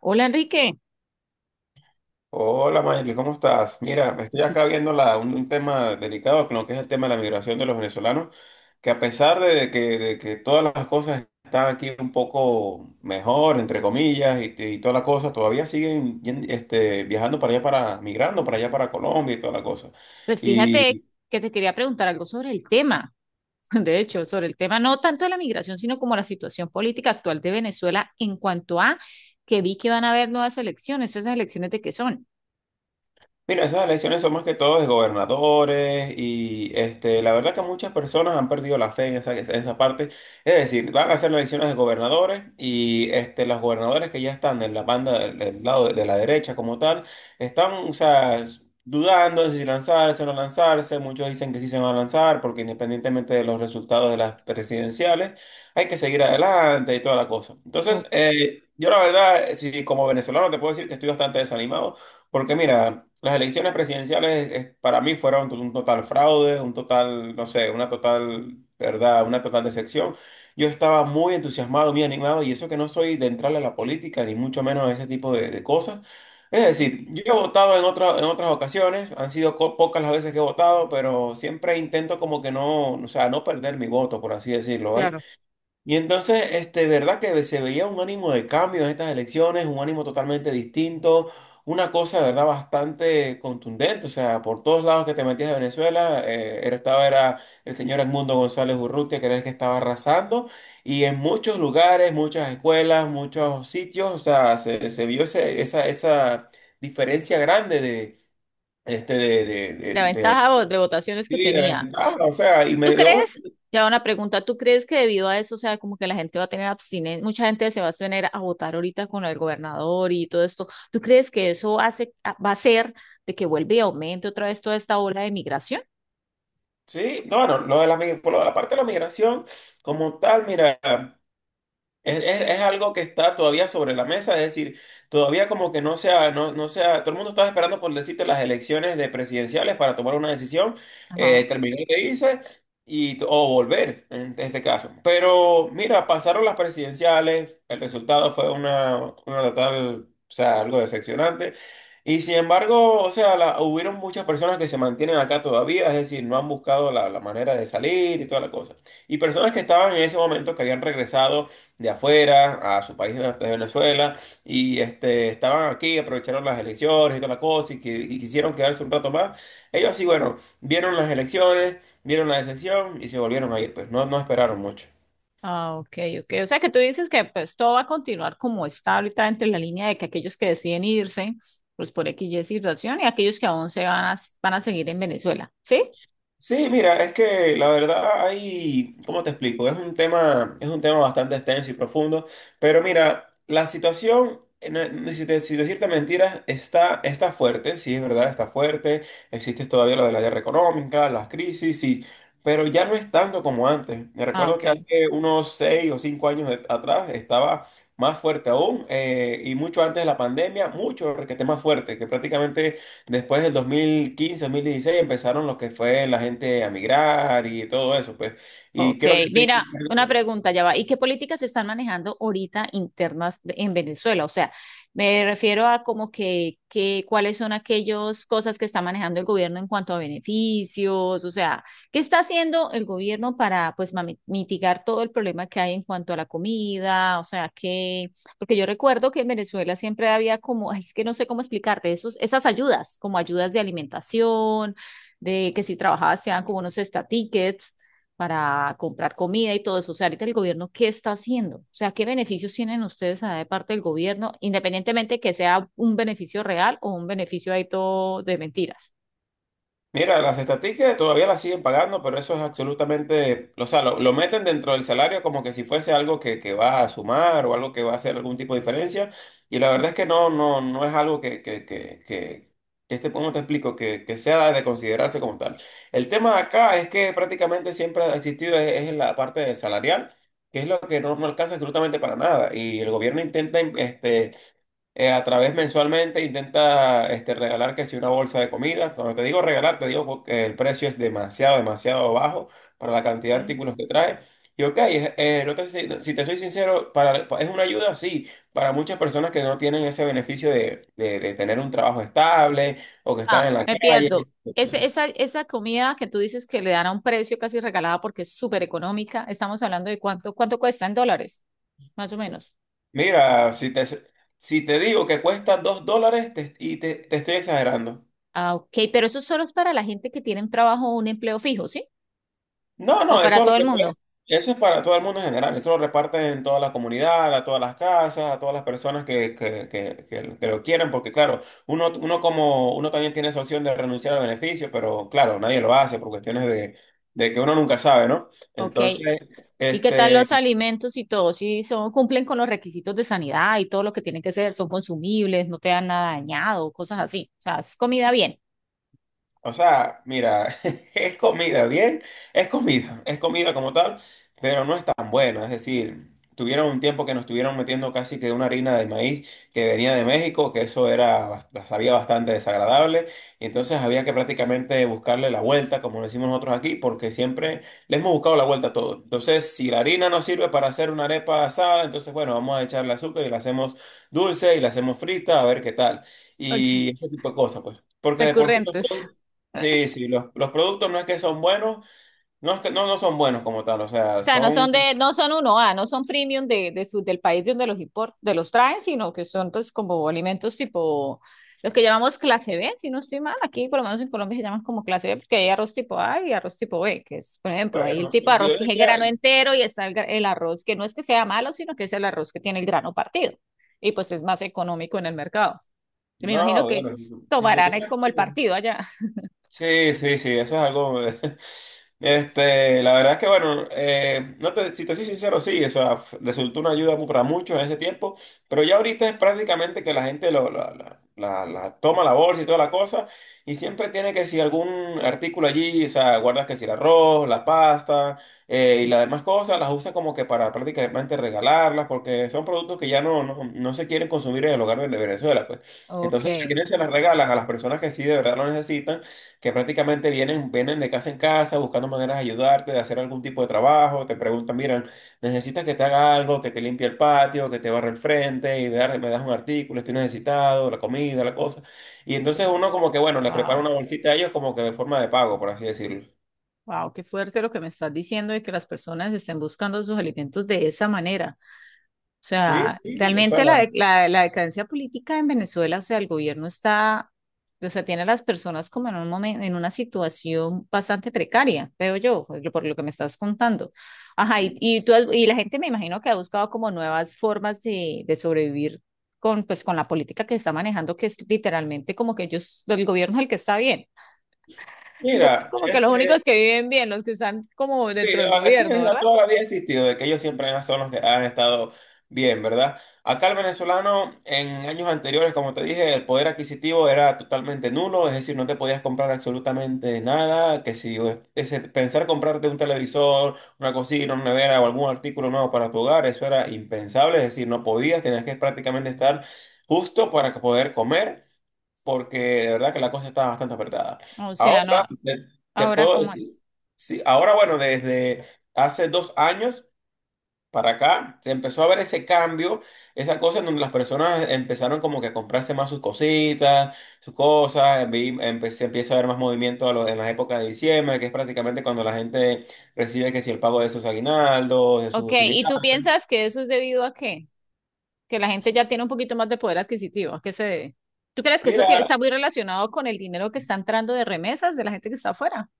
Hola Enrique, Hola, Mayli, ¿cómo estás? Mira, estoy acá viendo un tema delicado, con lo que es el tema de la migración de los venezolanos, que a pesar de que todas las cosas están aquí un poco mejor, entre comillas, y toda la cosa, todavía siguen viajando para allá, para, migrando para allá, para Colombia y toda la cosa. pues fíjate que te quería preguntar algo sobre el tema, de hecho, sobre el tema no tanto de la migración, sino como la situación política actual de Venezuela en cuanto a que vi que van a haber nuevas elecciones, ¿esas elecciones de qué son? Mira, esas elecciones son más que todo de gobernadores y la verdad que muchas personas han perdido la fe en esa parte. Es decir, van a hacer las elecciones de gobernadores y los gobernadores que ya están en la banda del lado de la derecha como tal, están, o sea, dudando de si lanzarse o no lanzarse. Muchos dicen que sí se van a lanzar porque independientemente de los resultados de las presidenciales, hay que seguir adelante y toda la cosa. Entonces, Ok. Yo la verdad, si como venezolano te puedo decir que estoy bastante desanimado. Porque mira, las elecciones presidenciales para mí fueron un total fraude, un total, no sé, una total, ¿verdad? Una total decepción. Yo estaba muy entusiasmado, muy animado, y eso que no soy de entrarle a la política, ni mucho menos a ese tipo de, cosas. Es decir, yo he votado en en otras ocasiones, han sido pocas las veces que he votado, pero siempre intento como que no, o sea, no perder mi voto, por así decirlo, ¿vale? Claro. Y entonces, verdad que se veía un ánimo de cambio en estas elecciones, un ánimo totalmente distinto, una cosa, verdad, bastante contundente. O sea, por todos lados que te metías de Venezuela, era- estaba era el señor Edmundo González Urrutia, que era el que estaba arrasando. Y en muchos lugares, muchas escuelas, muchos sitios, o sea, se vio esa diferencia grande de, este, de, de, de, La de- ventaja de votaciones que sí, de tenía. ventaja. O sea, y ¿Tú me dio. crees? Ya una pregunta, ¿tú crees que debido a eso, o sea, como que la gente va a tener abstinencia, mucha gente se va a abstener a votar ahorita con el gobernador y todo esto? ¿Tú crees que eso hace, va a ser de que vuelva y aumente otra vez toda esta ola de migración? Sí, no, bueno, lo de por lo de la parte de la migración, como tal, mira. Es algo que está todavía sobre la mesa, es decir, todavía como que no sea, todo el mundo estaba esperando por decirte las elecciones de presidenciales para tomar una decisión, Ajá. terminar de irse y, o volver en este caso. Pero mira, pasaron las presidenciales, el resultado fue una total, o sea, algo decepcionante. Y sin embargo, o sea, la- hubieron muchas personas que se mantienen acá todavía, es decir, no han buscado la manera de salir y toda la cosa. Y personas que estaban en ese momento, que habían regresado de afuera a su país de Venezuela y estaban aquí, aprovecharon las elecciones y toda la cosa y, que, y quisieron quedarse un rato más. Ellos sí, bueno, vieron las elecciones, vieron la decepción y se volvieron a ir, pues no, no esperaron mucho. Ah, ok, ok. O sea que tú dices que pues todo va a continuar como está ahorita entre la línea de que aquellos que deciden irse, pues por X y Y situación, y aquellos que aún se van a, van a seguir en Venezuela, ¿sí? Sí, mira, es que la verdad hay, ¿cómo te explico? Es un tema bastante extenso y profundo, pero mira, la situación, si, si decirte mentiras, está, está fuerte, sí, es verdad, está fuerte, existe todavía lo de la guerra económica, las crisis, sí, pero ya no es tanto como antes. Me Ah, recuerdo ok. que hace unos 6 o 5 años atrás estaba más fuerte aún, y mucho antes de la pandemia, mucho, requete más fuerte, que prácticamente... Después del 2015 2016 empezaron lo que fue la gente a migrar y todo eso, pues. Y Ok, creo que estoy. mira, una pregunta ya va. ¿Y qué políticas se están manejando ahorita internas en Venezuela? O sea, me refiero a como que cuáles son aquellas cosas que está manejando el gobierno en cuanto a beneficios, o sea, ¿qué está haciendo el gobierno para pues mitigar todo el problema que hay en cuanto a la comida? O sea, que, porque yo recuerdo que en Venezuela siempre había como, ay, es que no sé cómo explicarte, esos, esas ayudas, como ayudas de alimentación, de que si trabajabas sean como unos estatiques para comprar comida y todo eso. O sea, ahorita el gobierno, ¿qué está haciendo? O sea, ¿qué beneficios tienen ustedes ah, de parte del gobierno, independientemente que sea un beneficio real o un beneficio ahí todo de mentiras? Mira, las estatísticas todavía las siguen pagando, pero eso es absolutamente, o sea, lo meten dentro del salario como que si fuese algo que va a sumar o algo que va a hacer algún tipo de diferencia. Y la verdad es que no, no, no es algo que ¿cómo te explico? Que sea de considerarse como tal. El tema acá es que prácticamente siempre ha existido es en la parte del salarial, que es lo que no, no alcanza absolutamente para nada. Y el gobierno intenta, a través mensualmente intenta regalar que si una bolsa de comida. Cuando te digo regalar, te digo porque el precio es demasiado, demasiado bajo para la cantidad de ¿Sí? artículos que trae. Y ok, no si no, si te soy sincero, para, es una ayuda, sí, para muchas personas que no tienen ese beneficio de, de tener un trabajo estable o que Ah, están en la me pierdo. calle. Esa, esa comida que tú dices que le dan a un precio casi regalada porque es súper económica, estamos hablando de cuánto, cuánto cuesta en dólares, más o menos. Mira, si te digo que cuesta $2 y te estoy exagerando. Ah, ok, pero eso solo es para la gente que tiene un trabajo o un empleo fijo, ¿sí? No, ¿O no, para eso, todo el mundo? Eso es para todo el mundo en general, eso lo reparten en toda la comunidad, a todas las casas, a todas las personas que, que lo quieren, porque claro, uno, uno como uno también tiene esa opción de renunciar al beneficio, pero claro, nadie lo hace por cuestiones de que uno nunca sabe, ¿no? Ok. Entonces, ¿Y qué tal los este, alimentos y todo? Si son, cumplen con los requisitos de sanidad y todo lo que tienen que ser, son consumibles, no te dan nada dañado, cosas así. O sea, es comida bien. o sea, mira, es comida, bien, es comida como tal, pero no es tan buena. Es decir, tuvieron un tiempo que nos estuvieron metiendo casi que una harina de maíz que venía de México, que eso era, sabía bastante desagradable, y entonces había que prácticamente buscarle la vuelta, como lo decimos nosotros aquí, porque siempre le hemos buscado la vuelta a todo. Entonces, si la harina no sirve para hacer una arepa asada, entonces bueno, vamos a echarle azúcar y la hacemos dulce y la hacemos frita, a ver qué tal. Ok, Y ese tipo de cosas, pues. Porque de por sí los recurrentes. productos, sí, sí, los productos no es que son buenos, no es que no, no son buenos como tal, o sea, Sea, no son son de, no son uno a no son premium de su, del país de donde los import, de los traen, sino que son pues como alimentos tipo los que llamamos clase B, si no estoy mal, aquí por lo menos en Colombia se llaman como clase B porque hay arroz tipo A y arroz tipo B, que es, por ejemplo, ahí el buenos. tipo de arroz Yo que es el diría, grano entero y está el, el arroz que no es que sea malo, sino que es el arroz que tiene el grano partido y pues es más económico en el mercado. Yo me imagino no, que bueno, ellos si tomarán supieras como que- el partido allá. sí, sí, sí, eso es algo. Este, la verdad es que, bueno, no si te soy sincero, sí, o sea, resultó una ayuda para muchos en ese tiempo, pero ya ahorita es prácticamente que la gente lo, la- la- la toma la bolsa y toda la cosa, y siempre tiene que si algún artículo allí, o sea, guardas que si el arroz, la pasta y las demás cosas, las usa como que para prácticamente regalarlas, porque son productos que ya no, no, no se quieren consumir en el hogar de Venezuela, pues. Ok, Entonces, a quienes se las regalan, a las personas que sí de verdad lo necesitan, que prácticamente vienen de casa en casa buscando maneras de ayudarte, de hacer algún tipo de trabajo, te preguntan, miran, necesitas que te haga algo, que te limpie el patio, que te barre el frente, y me das un artículo, estoy necesitado, la comida, la cosa. Y entonces sí, uno como que, bueno, les prepara una wow. bolsita a ellos como que de forma de pago, por así decirlo. Wow, qué fuerte lo que me estás diciendo de que las personas estén buscando sus alimentos de esa manera. O Sí, sea, sí, o sea, realmente la, la decadencia política en Venezuela, o sea, el gobierno está, o sea, tiene a las personas como en un momento, en una situación bastante precaria, veo yo, por lo que me estás contando. Ajá, y tú y la gente me imagino que ha buscado como nuevas formas de sobrevivir con, pues, con la política que está manejando, que es literalmente como que ellos, el gobierno es el que está bien. El mira, como que los únicos que viven bien, los que están como sí, dentro del gobierno, ese a ¿verdad? toda la vida ha existido, de que ellos siempre son los que han estado bien, ¿verdad? Acá el venezolano en años anteriores, como te dije, el poder adquisitivo era totalmente nulo, es decir, no te podías comprar absolutamente nada, que si pensar comprarte un televisor, una cocina, una nevera o algún artículo nuevo para tu hogar, eso era impensable, es decir, no podías, tenías que prácticamente estar justo para poder comer porque de verdad que la cosa está bastante apretada. O sea, Ahora, no, te ahora puedo cómo es. decir, sí, ahora bueno, desde hace 2 años para acá, se empezó a ver ese cambio, esa cosa en donde las personas empezaron como que a comprarse más sus cositas, sus cosas, se empieza a ver más movimiento en la época de diciembre, que es prácticamente cuando la gente recibe que si el pago de sus aguinaldos, de sus Ok, ¿y tú utilidades. piensas que eso es debido a qué? Que la gente ya tiene un poquito más de poder adquisitivo, ¿a qué se debe? ¿Tú crees que eso está Mira, muy relacionado con el dinero que está entrando de remesas de la gente que está afuera?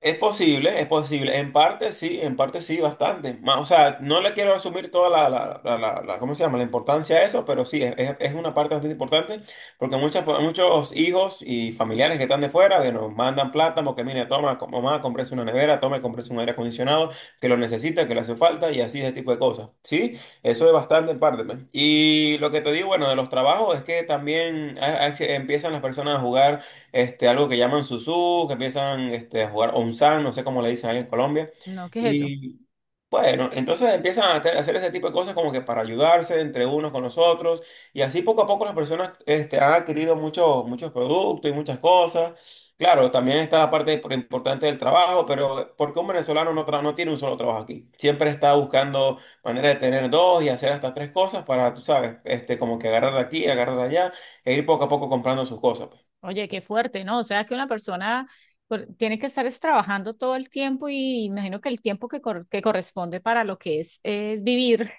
es posible, es posible. En parte sí, bastante. O sea, no le quiero asumir toda ¿cómo se llama? La importancia a eso, pero sí, es una parte bastante importante porque muchos hijos y familiares que están de fuera que nos mandan plata porque, mire, toma, mamá, cómprese una nevera, toma, y cómprese un aire acondicionado que lo necesita, que le hace falta y así ese tipo de cosas. Sí, eso es bastante en parte, pues. Y lo que te digo, bueno, de los trabajos es que también empiezan las personas a jugar algo que llaman susú, que empiezan a jugar onzán, no sé cómo le dicen ahí en Colombia. No, ¿qué es eso? Y bueno, entonces empiezan a hacer ese tipo de cosas como que para ayudarse entre unos con los otros. Y así poco a poco las personas han adquirido muchos, muchos productos y muchas cosas. Claro, también está la parte importante del trabajo, pero porque un venezolano no, no tiene un solo trabajo aquí. Siempre está buscando manera de tener dos y hacer hasta tres cosas para, tú sabes, como que agarrar de aquí, agarrar de allá e ir poco a poco comprando sus cosas. Oye, qué fuerte, ¿no? O sea, que una persona tiene que estar es trabajando todo el tiempo y imagino que el tiempo que, que corresponde para lo que es vivir,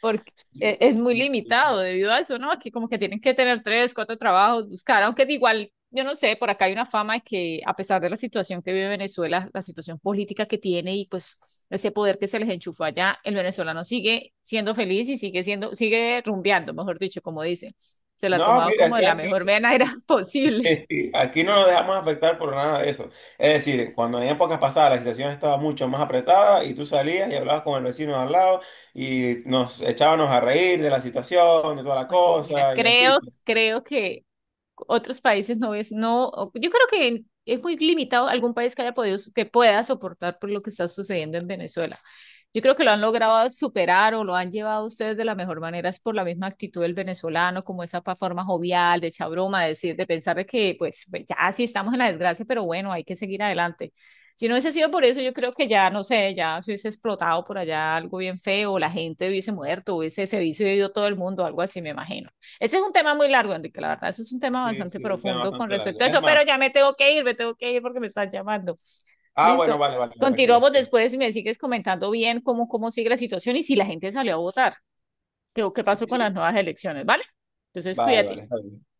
porque es muy limitado debido a eso, ¿no? Aquí como que tienen que tener tres, cuatro trabajos, buscar, aunque de igual, yo no sé, por acá hay una fama de que a pesar de la situación que vive Venezuela, la situación política que tiene y pues ese poder que se les enchufó allá, el venezolano sigue siendo feliz y sigue siendo, sigue rumbeando, mejor dicho, como dicen. Se la ha No, tomado mira, es como de que la aquí, mejor manera posible. Aquí no nos dejamos afectar por nada de eso. Es decir, cuando en épocas pasadas la situación estaba mucho más apretada y tú salías y hablabas con el vecino de al lado y nos echábamos a reír de la situación, de toda la Oye, mira, cosa y así, creo, pues. creo que otros países no ves, no, o- yo creo que es muy limitado algún país que haya podido, so, que pueda soportar por lo que está sucediendo en Venezuela. Yo creo que lo han logrado superar o lo han llevado ustedes de la mejor manera es por la misma actitud del venezolano, como esa forma jovial, de echar broma, de decir, de pensar de que pues pues, ya sí estamos en la desgracia, pero bueno, hay que seguir adelante. Si no hubiese sido por eso, yo creo que ya, no sé, ya se hubiese explotado por allá algo bien feo, la gente hubiese muerto, hubiese, se hubiese ido todo el mundo, algo así, me imagino. Ese es un tema muy largo, Enrique, la verdad, eso es un tema Sí, bastante sí, queda profundo con bastante largo. respecto a Es eso, pero más, ya me tengo que ir, me tengo que ir porque me están llamando. Bueno, Listo. vale, vale, tranquila, Continuamos estoy. después y me sigues comentando bien cómo, cómo sigue la situación y si la gente salió a votar, qué, qué Sí, pasó con sí, las nuevas elecciones, ¿vale? Entonces, vale, cuídate. vale, está bien.